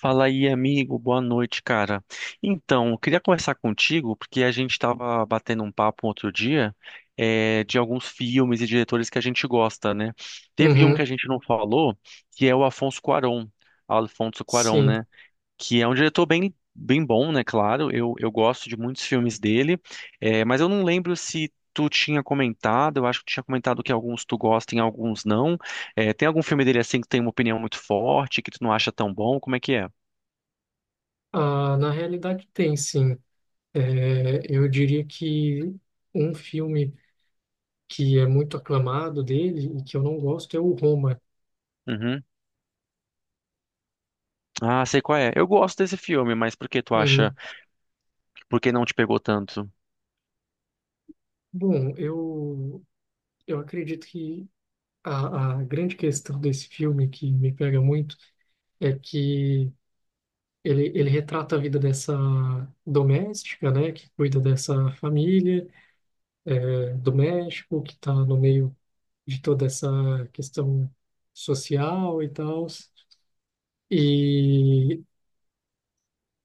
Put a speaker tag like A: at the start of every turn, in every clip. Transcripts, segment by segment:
A: Fala aí, amigo. Boa noite, cara. Então, eu queria conversar contigo porque a gente estava batendo um papo outro dia, de alguns filmes e diretores que a gente gosta, né? Teve um que a
B: Uhum,
A: gente não falou, que é o Afonso Cuarón, Alfonso Cuarón,
B: sim.
A: né? Que é um diretor bem, bem bom, né? Claro, eu gosto de muitos filmes dele, mas eu não lembro se tu tinha comentado. Eu acho que tu tinha comentado que alguns tu gosta e alguns não. Tem algum filme dele assim que tem uma opinião muito forte, que tu não acha tão bom? Como é que é?
B: Ah, na realidade tem, sim. É, eu diria que um filme que é muito aclamado dele e que eu não gosto é o Roma.
A: Uhum. Ah, sei qual é. Eu gosto desse filme, mas por que tu acha?
B: Hum.
A: Por que não te pegou tanto?
B: Bom, eu acredito que a grande questão desse filme que me pega muito é que ele retrata a vida dessa doméstica, né, que cuida dessa família, do México, que está no meio de toda essa questão social e tal. E,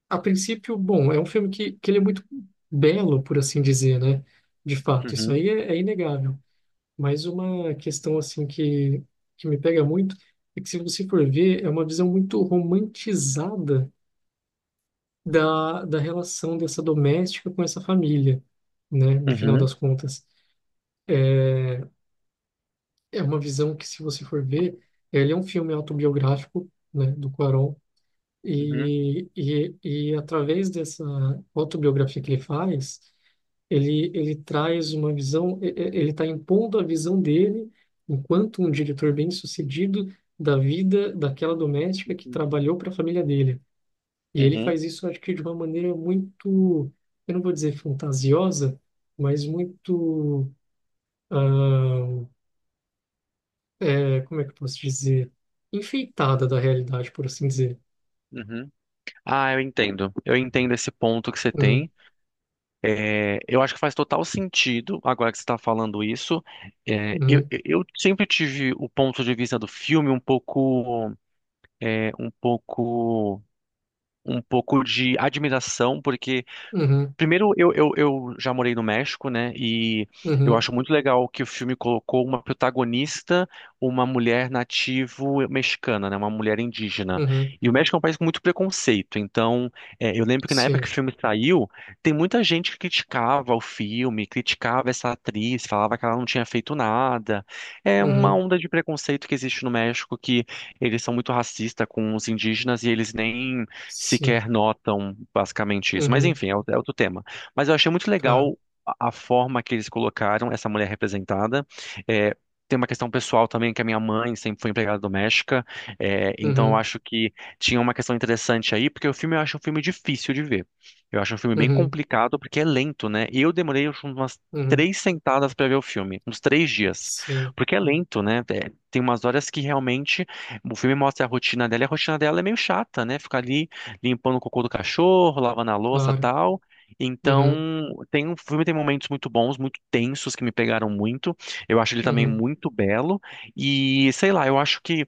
B: a princípio, bom, é um filme que ele é muito belo, por assim dizer, né? De fato, isso
A: Uhum,
B: aí é inegável. Mas uma questão, assim, que me pega muito é que, se você for ver, é uma visão muito romantizada da, da relação dessa doméstica com essa família, né? No final
A: uhum,
B: das contas. É, é uma visão que, se você for ver, ele é um filme autobiográfico, né? Do Cuarón.
A: uhum,
B: E, e, e através dessa autobiografia que ele faz, ele traz uma visão, ele está impondo a visão dele, enquanto um diretor bem-sucedido, da vida daquela doméstica que
A: uhum,
B: trabalhou para a família dele. E ele
A: uhum,
B: faz isso, acho que de uma maneira muito, eu não vou dizer fantasiosa, mas muito, ah, como é que eu posso dizer? Enfeitada da realidade, por assim dizer.
A: uhum. Ah, eu entendo. Eu entendo esse ponto que você
B: Uhum,
A: tem. É, eu acho que faz total sentido agora que você está falando isso. É, eu,
B: uhum,
A: eu eu sempre tive o ponto de vista do filme um pouco, é, um pouco de admiração, porque
B: uhum,
A: primeiro, eu já morei no México, né? E eu
B: uhum,
A: acho muito legal que o filme colocou uma protagonista, uma mulher nativo mexicana, né? Uma mulher indígena.
B: uhum.
A: E o México é um país com muito preconceito. Então, é, eu lembro que na época que
B: Sim,
A: o filme saiu, tem muita gente que criticava o filme, criticava essa atriz, falava que ela não tinha feito nada. É uma
B: uhum,
A: onda de preconceito que existe no México, que eles são muito racistas com os indígenas e eles nem
B: sim,
A: sequer notam basicamente isso. Mas
B: uhum,
A: enfim, é outro tema. Mas eu achei muito
B: claro,
A: legal a forma que eles colocaram essa mulher representada. É, tem uma questão pessoal também, que a minha mãe sempre foi empregada doméstica, é, então eu
B: uhum,
A: acho que tinha uma questão interessante aí, porque o filme eu acho um filme difícil de ver. Eu acho um filme bem
B: uhum,
A: complicado, porque é lento, né? E eu demorei acho, umas
B: uhum,
A: três sentadas para ver o filme, uns três dias,
B: sim,
A: porque é lento, né? É, tem umas horas que realmente o filme mostra a rotina dela, e a rotina dela é meio chata, né? Ficar ali limpando o cocô do cachorro, lavando a louça,
B: claro,
A: tal. Então,
B: uhum,
A: tem um filme tem momentos muito bons, muito tensos que me pegaram muito. Eu acho ele também
B: uhum,
A: muito belo e sei lá, eu acho que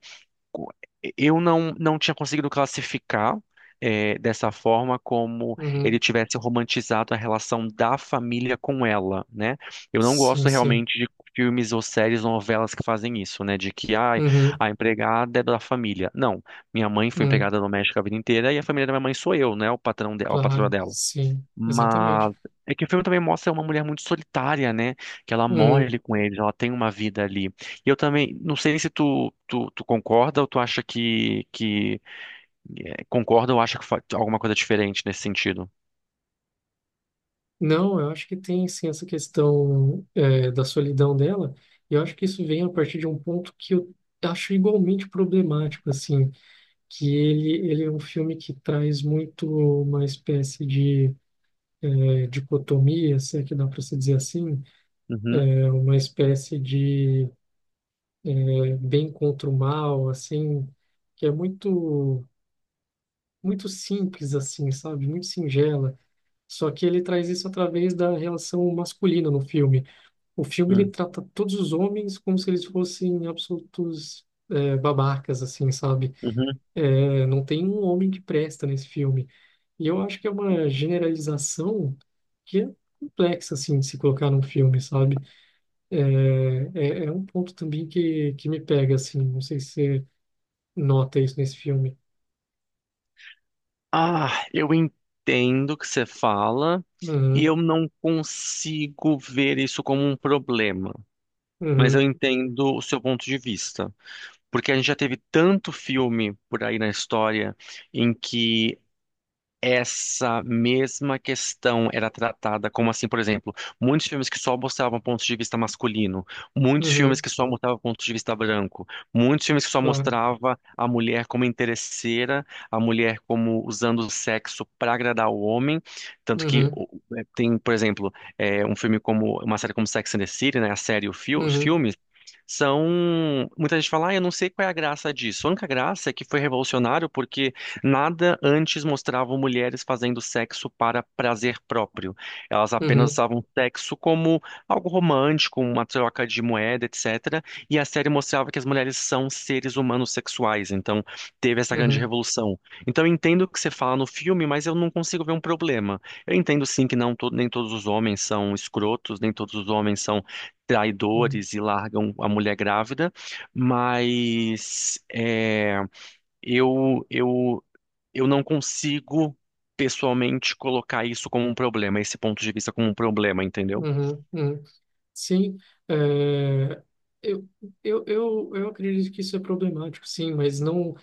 A: co- eu não tinha conseguido classificar dessa forma como ele
B: uhum,
A: tivesse romantizado a relação da família com ela, né? Eu não
B: sim,
A: gosto
B: sim,
A: realmente de filmes ou séries, novelas que fazem isso, né? De que ai,
B: uhum,
A: a empregada é da família. Não, minha mãe foi
B: uhum,
A: empregada doméstica a vida inteira e a família da minha mãe sou eu, né? O a patroa
B: claro,
A: dela.
B: sim, exatamente.
A: Mas é que o filme também mostra uma mulher muito solitária, né? Que ela morre
B: Uhum.
A: ali com eles, ela tem uma vida ali. E eu também, não sei se tu concorda ou tu acha que é, concorda ou acha que alguma coisa diferente nesse sentido.
B: Não, eu acho que tem sim essa questão da solidão dela, e eu acho que isso vem a partir de um ponto que eu acho igualmente problemático, assim, que ele é um filme que traz muito uma espécie de dicotomia, se é que dá para se dizer assim.
A: Uhum,
B: É uma espécie de bem contra o mal, assim, que é muito muito simples assim, sabe? Muito singela. Só que ele traz isso através da relação masculina no filme. O filme ele
A: uhum,
B: trata todos os homens como se eles fossem absolutos babacas, assim, sabe?
A: uhum.
B: É, não tem um homem que presta nesse filme. E eu acho que é uma generalização que é complexa assim de se colocar num filme, sabe? É, é um ponto também que me pega, assim. Não sei se você nota isso nesse filme.
A: Ah, eu entendo o que você fala e
B: Uhum,
A: eu não consigo ver isso como um problema. Mas eu
B: uhum,
A: entendo o seu ponto de vista. Porque a gente já teve tanto filme por aí na história em que essa mesma questão era tratada como assim, por exemplo, muitos filmes que só mostravam pontos de vista masculino, muitos filmes
B: uhum,
A: que só mostravam pontos de vista branco, muitos filmes que só
B: claro.
A: mostrava a mulher como interesseira, a mulher como usando o sexo para agradar o homem, tanto que
B: Uhum,
A: o- é, tem, por exemplo, é, um filme como uma série como Sex and the City, né, a série, e os
B: uhum,
A: filmes são muita gente fala, ah, eu não sei qual é a graça disso. A única graça é que foi revolucionário porque nada antes mostrava mulheres fazendo sexo para prazer próprio. Elas apenas
B: uhum,
A: usavam sexo como algo romântico, uma troca de moeda, etc. E a série mostrava que as mulheres são seres humanos sexuais, então teve essa grande
B: uhum,
A: revolução. Então eu entendo o que você fala no filme, mas eu não consigo ver um problema. Eu entendo sim que nem todos os homens são escrotos, nem todos os homens são
B: uhum,
A: traidores e largam a mulher grávida, mas é, eu, eu eu não consigo pessoalmente colocar isso como um problema, esse ponto de vista como um problema, entendeu?
B: uhum, uhum. Sim, é, eu, eu acredito que isso é problemático, sim, mas não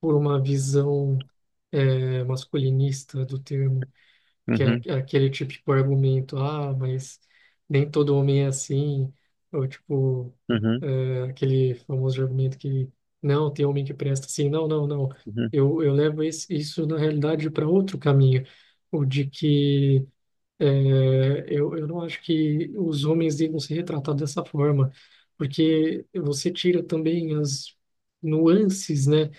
B: por uma visão, masculinista do termo. Que é
A: Uhum,
B: aquele típico argumento, ah, mas nem todo homem é assim, ou tipo,
A: uhum,
B: aquele famoso argumento que não, tem homem que presta assim, não, não, não,
A: uhum,
B: eu levo isso na realidade para outro caminho, o de que eu não acho que os homens devam ser retratados dessa forma, porque você tira também as nuances, né?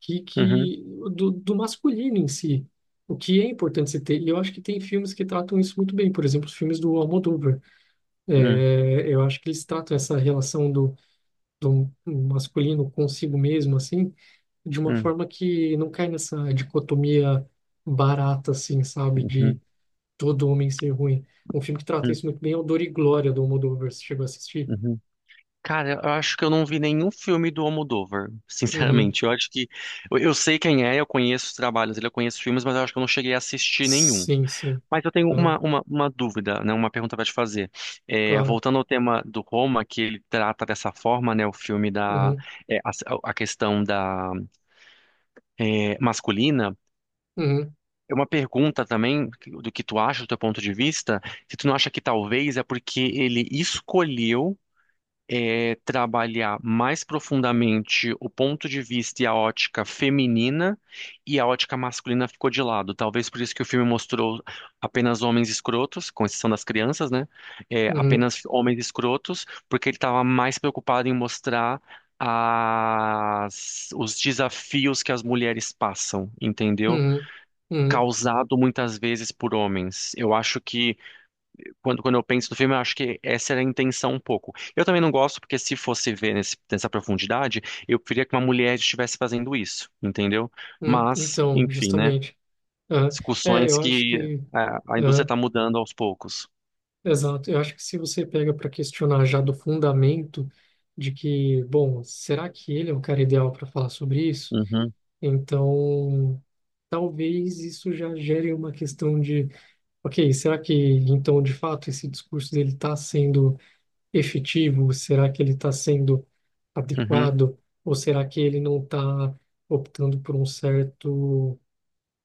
B: Que,
A: uhum,
B: que do masculino em si, o que é importante se ter. E eu acho que tem filmes que tratam isso muito bem, por exemplo, os filmes do Almodóvar.
A: uhum,
B: É, eu acho que eles tratam essa relação do, do masculino consigo mesmo, assim, de uma
A: uhum,
B: forma que não cai nessa dicotomia barata, assim, sabe,
A: uhum,
B: de todo homem ser ruim. Um filme que trata
A: uhum.
B: isso muito bem é o Dor e Glória, do Almodóvar. Você chegou a assistir?
A: Uhum. Cara, eu acho que eu não vi nenhum filme do Almodóvar,
B: Uhum.
A: sinceramente. Eu acho que eu sei quem é, eu conheço os trabalhos dele, eu conheço os filmes, mas eu acho que eu não cheguei a assistir nenhum.
B: Sim, sim.
A: Mas eu tenho
B: Tá,
A: uma dúvida, né? Uma pergunta para te fazer. É,
B: claro.
A: voltando ao tema do Roma, que ele trata dessa forma, né? O filme da
B: Uhum,
A: é, a questão da é, masculina,
B: uhum,
A: é uma pergunta também do que tu acha, do teu ponto de vista, se tu não acha que talvez é porque ele escolheu é, trabalhar mais profundamente o ponto de vista e a ótica feminina e a ótica masculina ficou de lado. Talvez por isso que o filme mostrou apenas homens escrotos, com exceção das crianças, né? É,
B: uhum,
A: apenas homens escrotos, porque ele estava mais preocupado em mostrar os desafios que as mulheres passam, entendeu?
B: uhum, uhum.
A: Causado muitas vezes por homens. Eu acho que, quando eu penso no filme, eu acho que essa era a intenção um pouco. Eu também não gosto, porque se fosse ver nessa profundidade, eu preferia que uma mulher estivesse fazendo isso, entendeu?
B: Hum,
A: Mas,
B: então,
A: enfim, né?
B: justamente. Aham. É,
A: Discussões
B: eu acho
A: que
B: que.
A: a indústria
B: Aham,
A: está mudando aos poucos.
B: exato. Eu acho que se você pega para questionar já do fundamento de que, bom, será que ele é o cara ideal para falar sobre isso?
A: Uhum,
B: Então, talvez isso já gere uma questão de, ok, será que então de fato esse discurso dele está sendo efetivo? Será que ele está sendo
A: uhum,
B: adequado? Ou será que ele não está optando por um certo,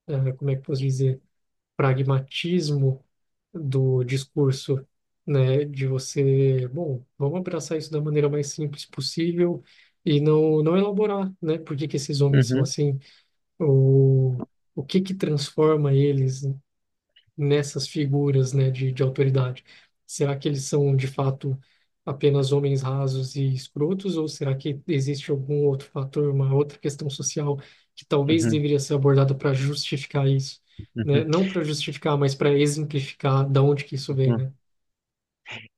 B: como é que eu posso dizer? Pragmatismo do discurso, né, de você, bom, vamos abraçar isso da maneira mais simples possível e não elaborar, né, por que que esses homens são
A: uhum,
B: assim, ou o que que transforma eles, nessas figuras, né, de, autoridade? Será que eles são, de fato, apenas homens rasos e escrotos, ou será que existe algum outro fator, uma outra questão social que talvez
A: uhum,
B: deveria ser abordada para justificar isso? Né?
A: uhum,
B: Não para justificar, mas para exemplificar da onde que isso vem,
A: uhum.
B: né?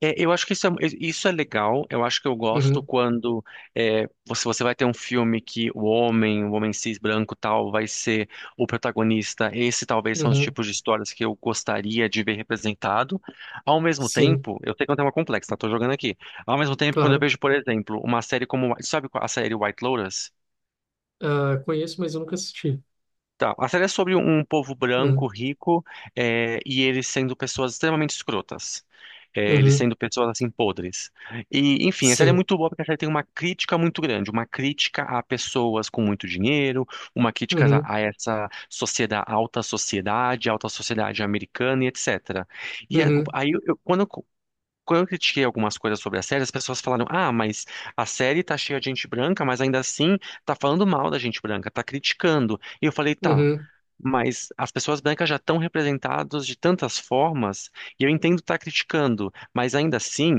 A: É, eu acho que isso é legal. Eu acho que eu gosto
B: Uhum,
A: quando é, você vai ter um filme que o homem cis branco tal, vai ser o protagonista. Esse talvez são os
B: uhum,
A: tipos de histórias que eu gostaria de ver representado. Ao mesmo
B: sim,
A: tempo, eu sei que é um tema complexo, tá? Tô jogando aqui. Ao mesmo tempo, quando eu
B: claro.
A: vejo, por exemplo, uma série como, a série White Lotus?
B: Ah, conheço, mas eu nunca assisti.
A: Tá, a série é sobre um povo branco,
B: Uhum,
A: rico, é, e eles sendo pessoas extremamente escrotas. É, eles
B: uhum,
A: sendo pessoas, assim, podres. E, enfim, a série é
B: sim.
A: muito boa porque a série tem uma crítica muito grande. Uma crítica a pessoas com muito dinheiro, uma crítica
B: Uhum,
A: a essa sociedade, alta sociedade, alta sociedade americana e etc. E é,
B: uhum,
A: quando eu... Quando eu critiquei algumas coisas sobre a série, as pessoas falaram: "Ah, mas a série tá cheia de gente branca, mas ainda assim tá falando mal da gente branca, tá criticando." E eu falei: "Tá,
B: uhum,
A: mas as pessoas brancas já estão representadas de tantas formas, e eu entendo estar criticando, mas ainda assim,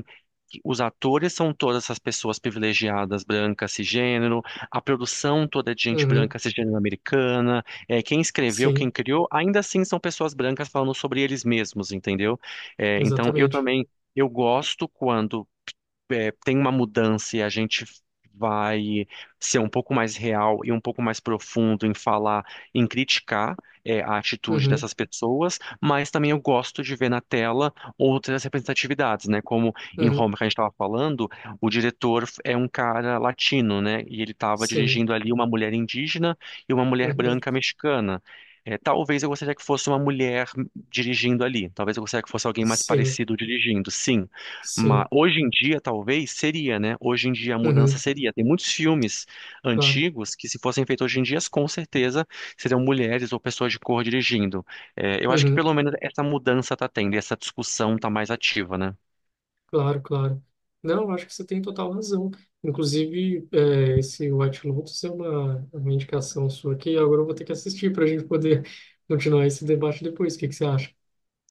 A: os atores são todas essas pessoas privilegiadas, brancas, cisgênero, a produção toda é de gente
B: uhum,
A: branca, cisgênero americana, é, quem escreveu, quem
B: sim,
A: criou, ainda assim são pessoas brancas falando sobre eles mesmos, entendeu?" É, então, eu
B: exatamente.
A: também. Eu gosto quando é, tem uma mudança e a gente vai ser um pouco mais real e um pouco mais profundo em falar, em criticar, é, a atitude
B: Uhum,
A: dessas pessoas, mas também eu gosto de ver na tela outras representatividades, né? Como em
B: uhum,
A: Roma que a gente estava falando, o diretor é um cara latino, né? E ele estava
B: sim.
A: dirigindo ali uma mulher indígena e uma mulher
B: Uhum.
A: branca mexicana. É, talvez eu gostaria que fosse uma mulher dirigindo ali. Talvez eu gostaria que fosse alguém mais
B: Sim,
A: parecido dirigindo, sim. Mas
B: sim.
A: hoje em dia, talvez, seria, né? Hoje em dia a mudança
B: Uhum,
A: seria. Tem muitos filmes
B: claro.
A: antigos que, se fossem feitos hoje em dia, com certeza seriam mulheres ou pessoas de cor dirigindo. É, eu acho que
B: Uhum,
A: pelo menos essa mudança tá tendo, e essa discussão tá mais ativa, né?
B: claro, claro. Não, eu acho que você tem total razão. Inclusive, esse White Lotus é uma indicação sua que agora eu vou ter que assistir para a gente poder continuar esse debate depois. O que que você acha?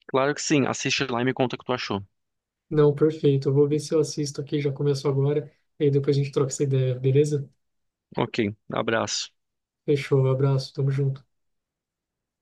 A: Claro que sim, assiste lá e me conta o que tu achou.
B: Não, perfeito. Eu vou ver se eu assisto aqui, já começo agora, e aí depois a gente troca essa ideia, beleza?
A: Ok, abraço.
B: Fechou, abraço, tamo junto.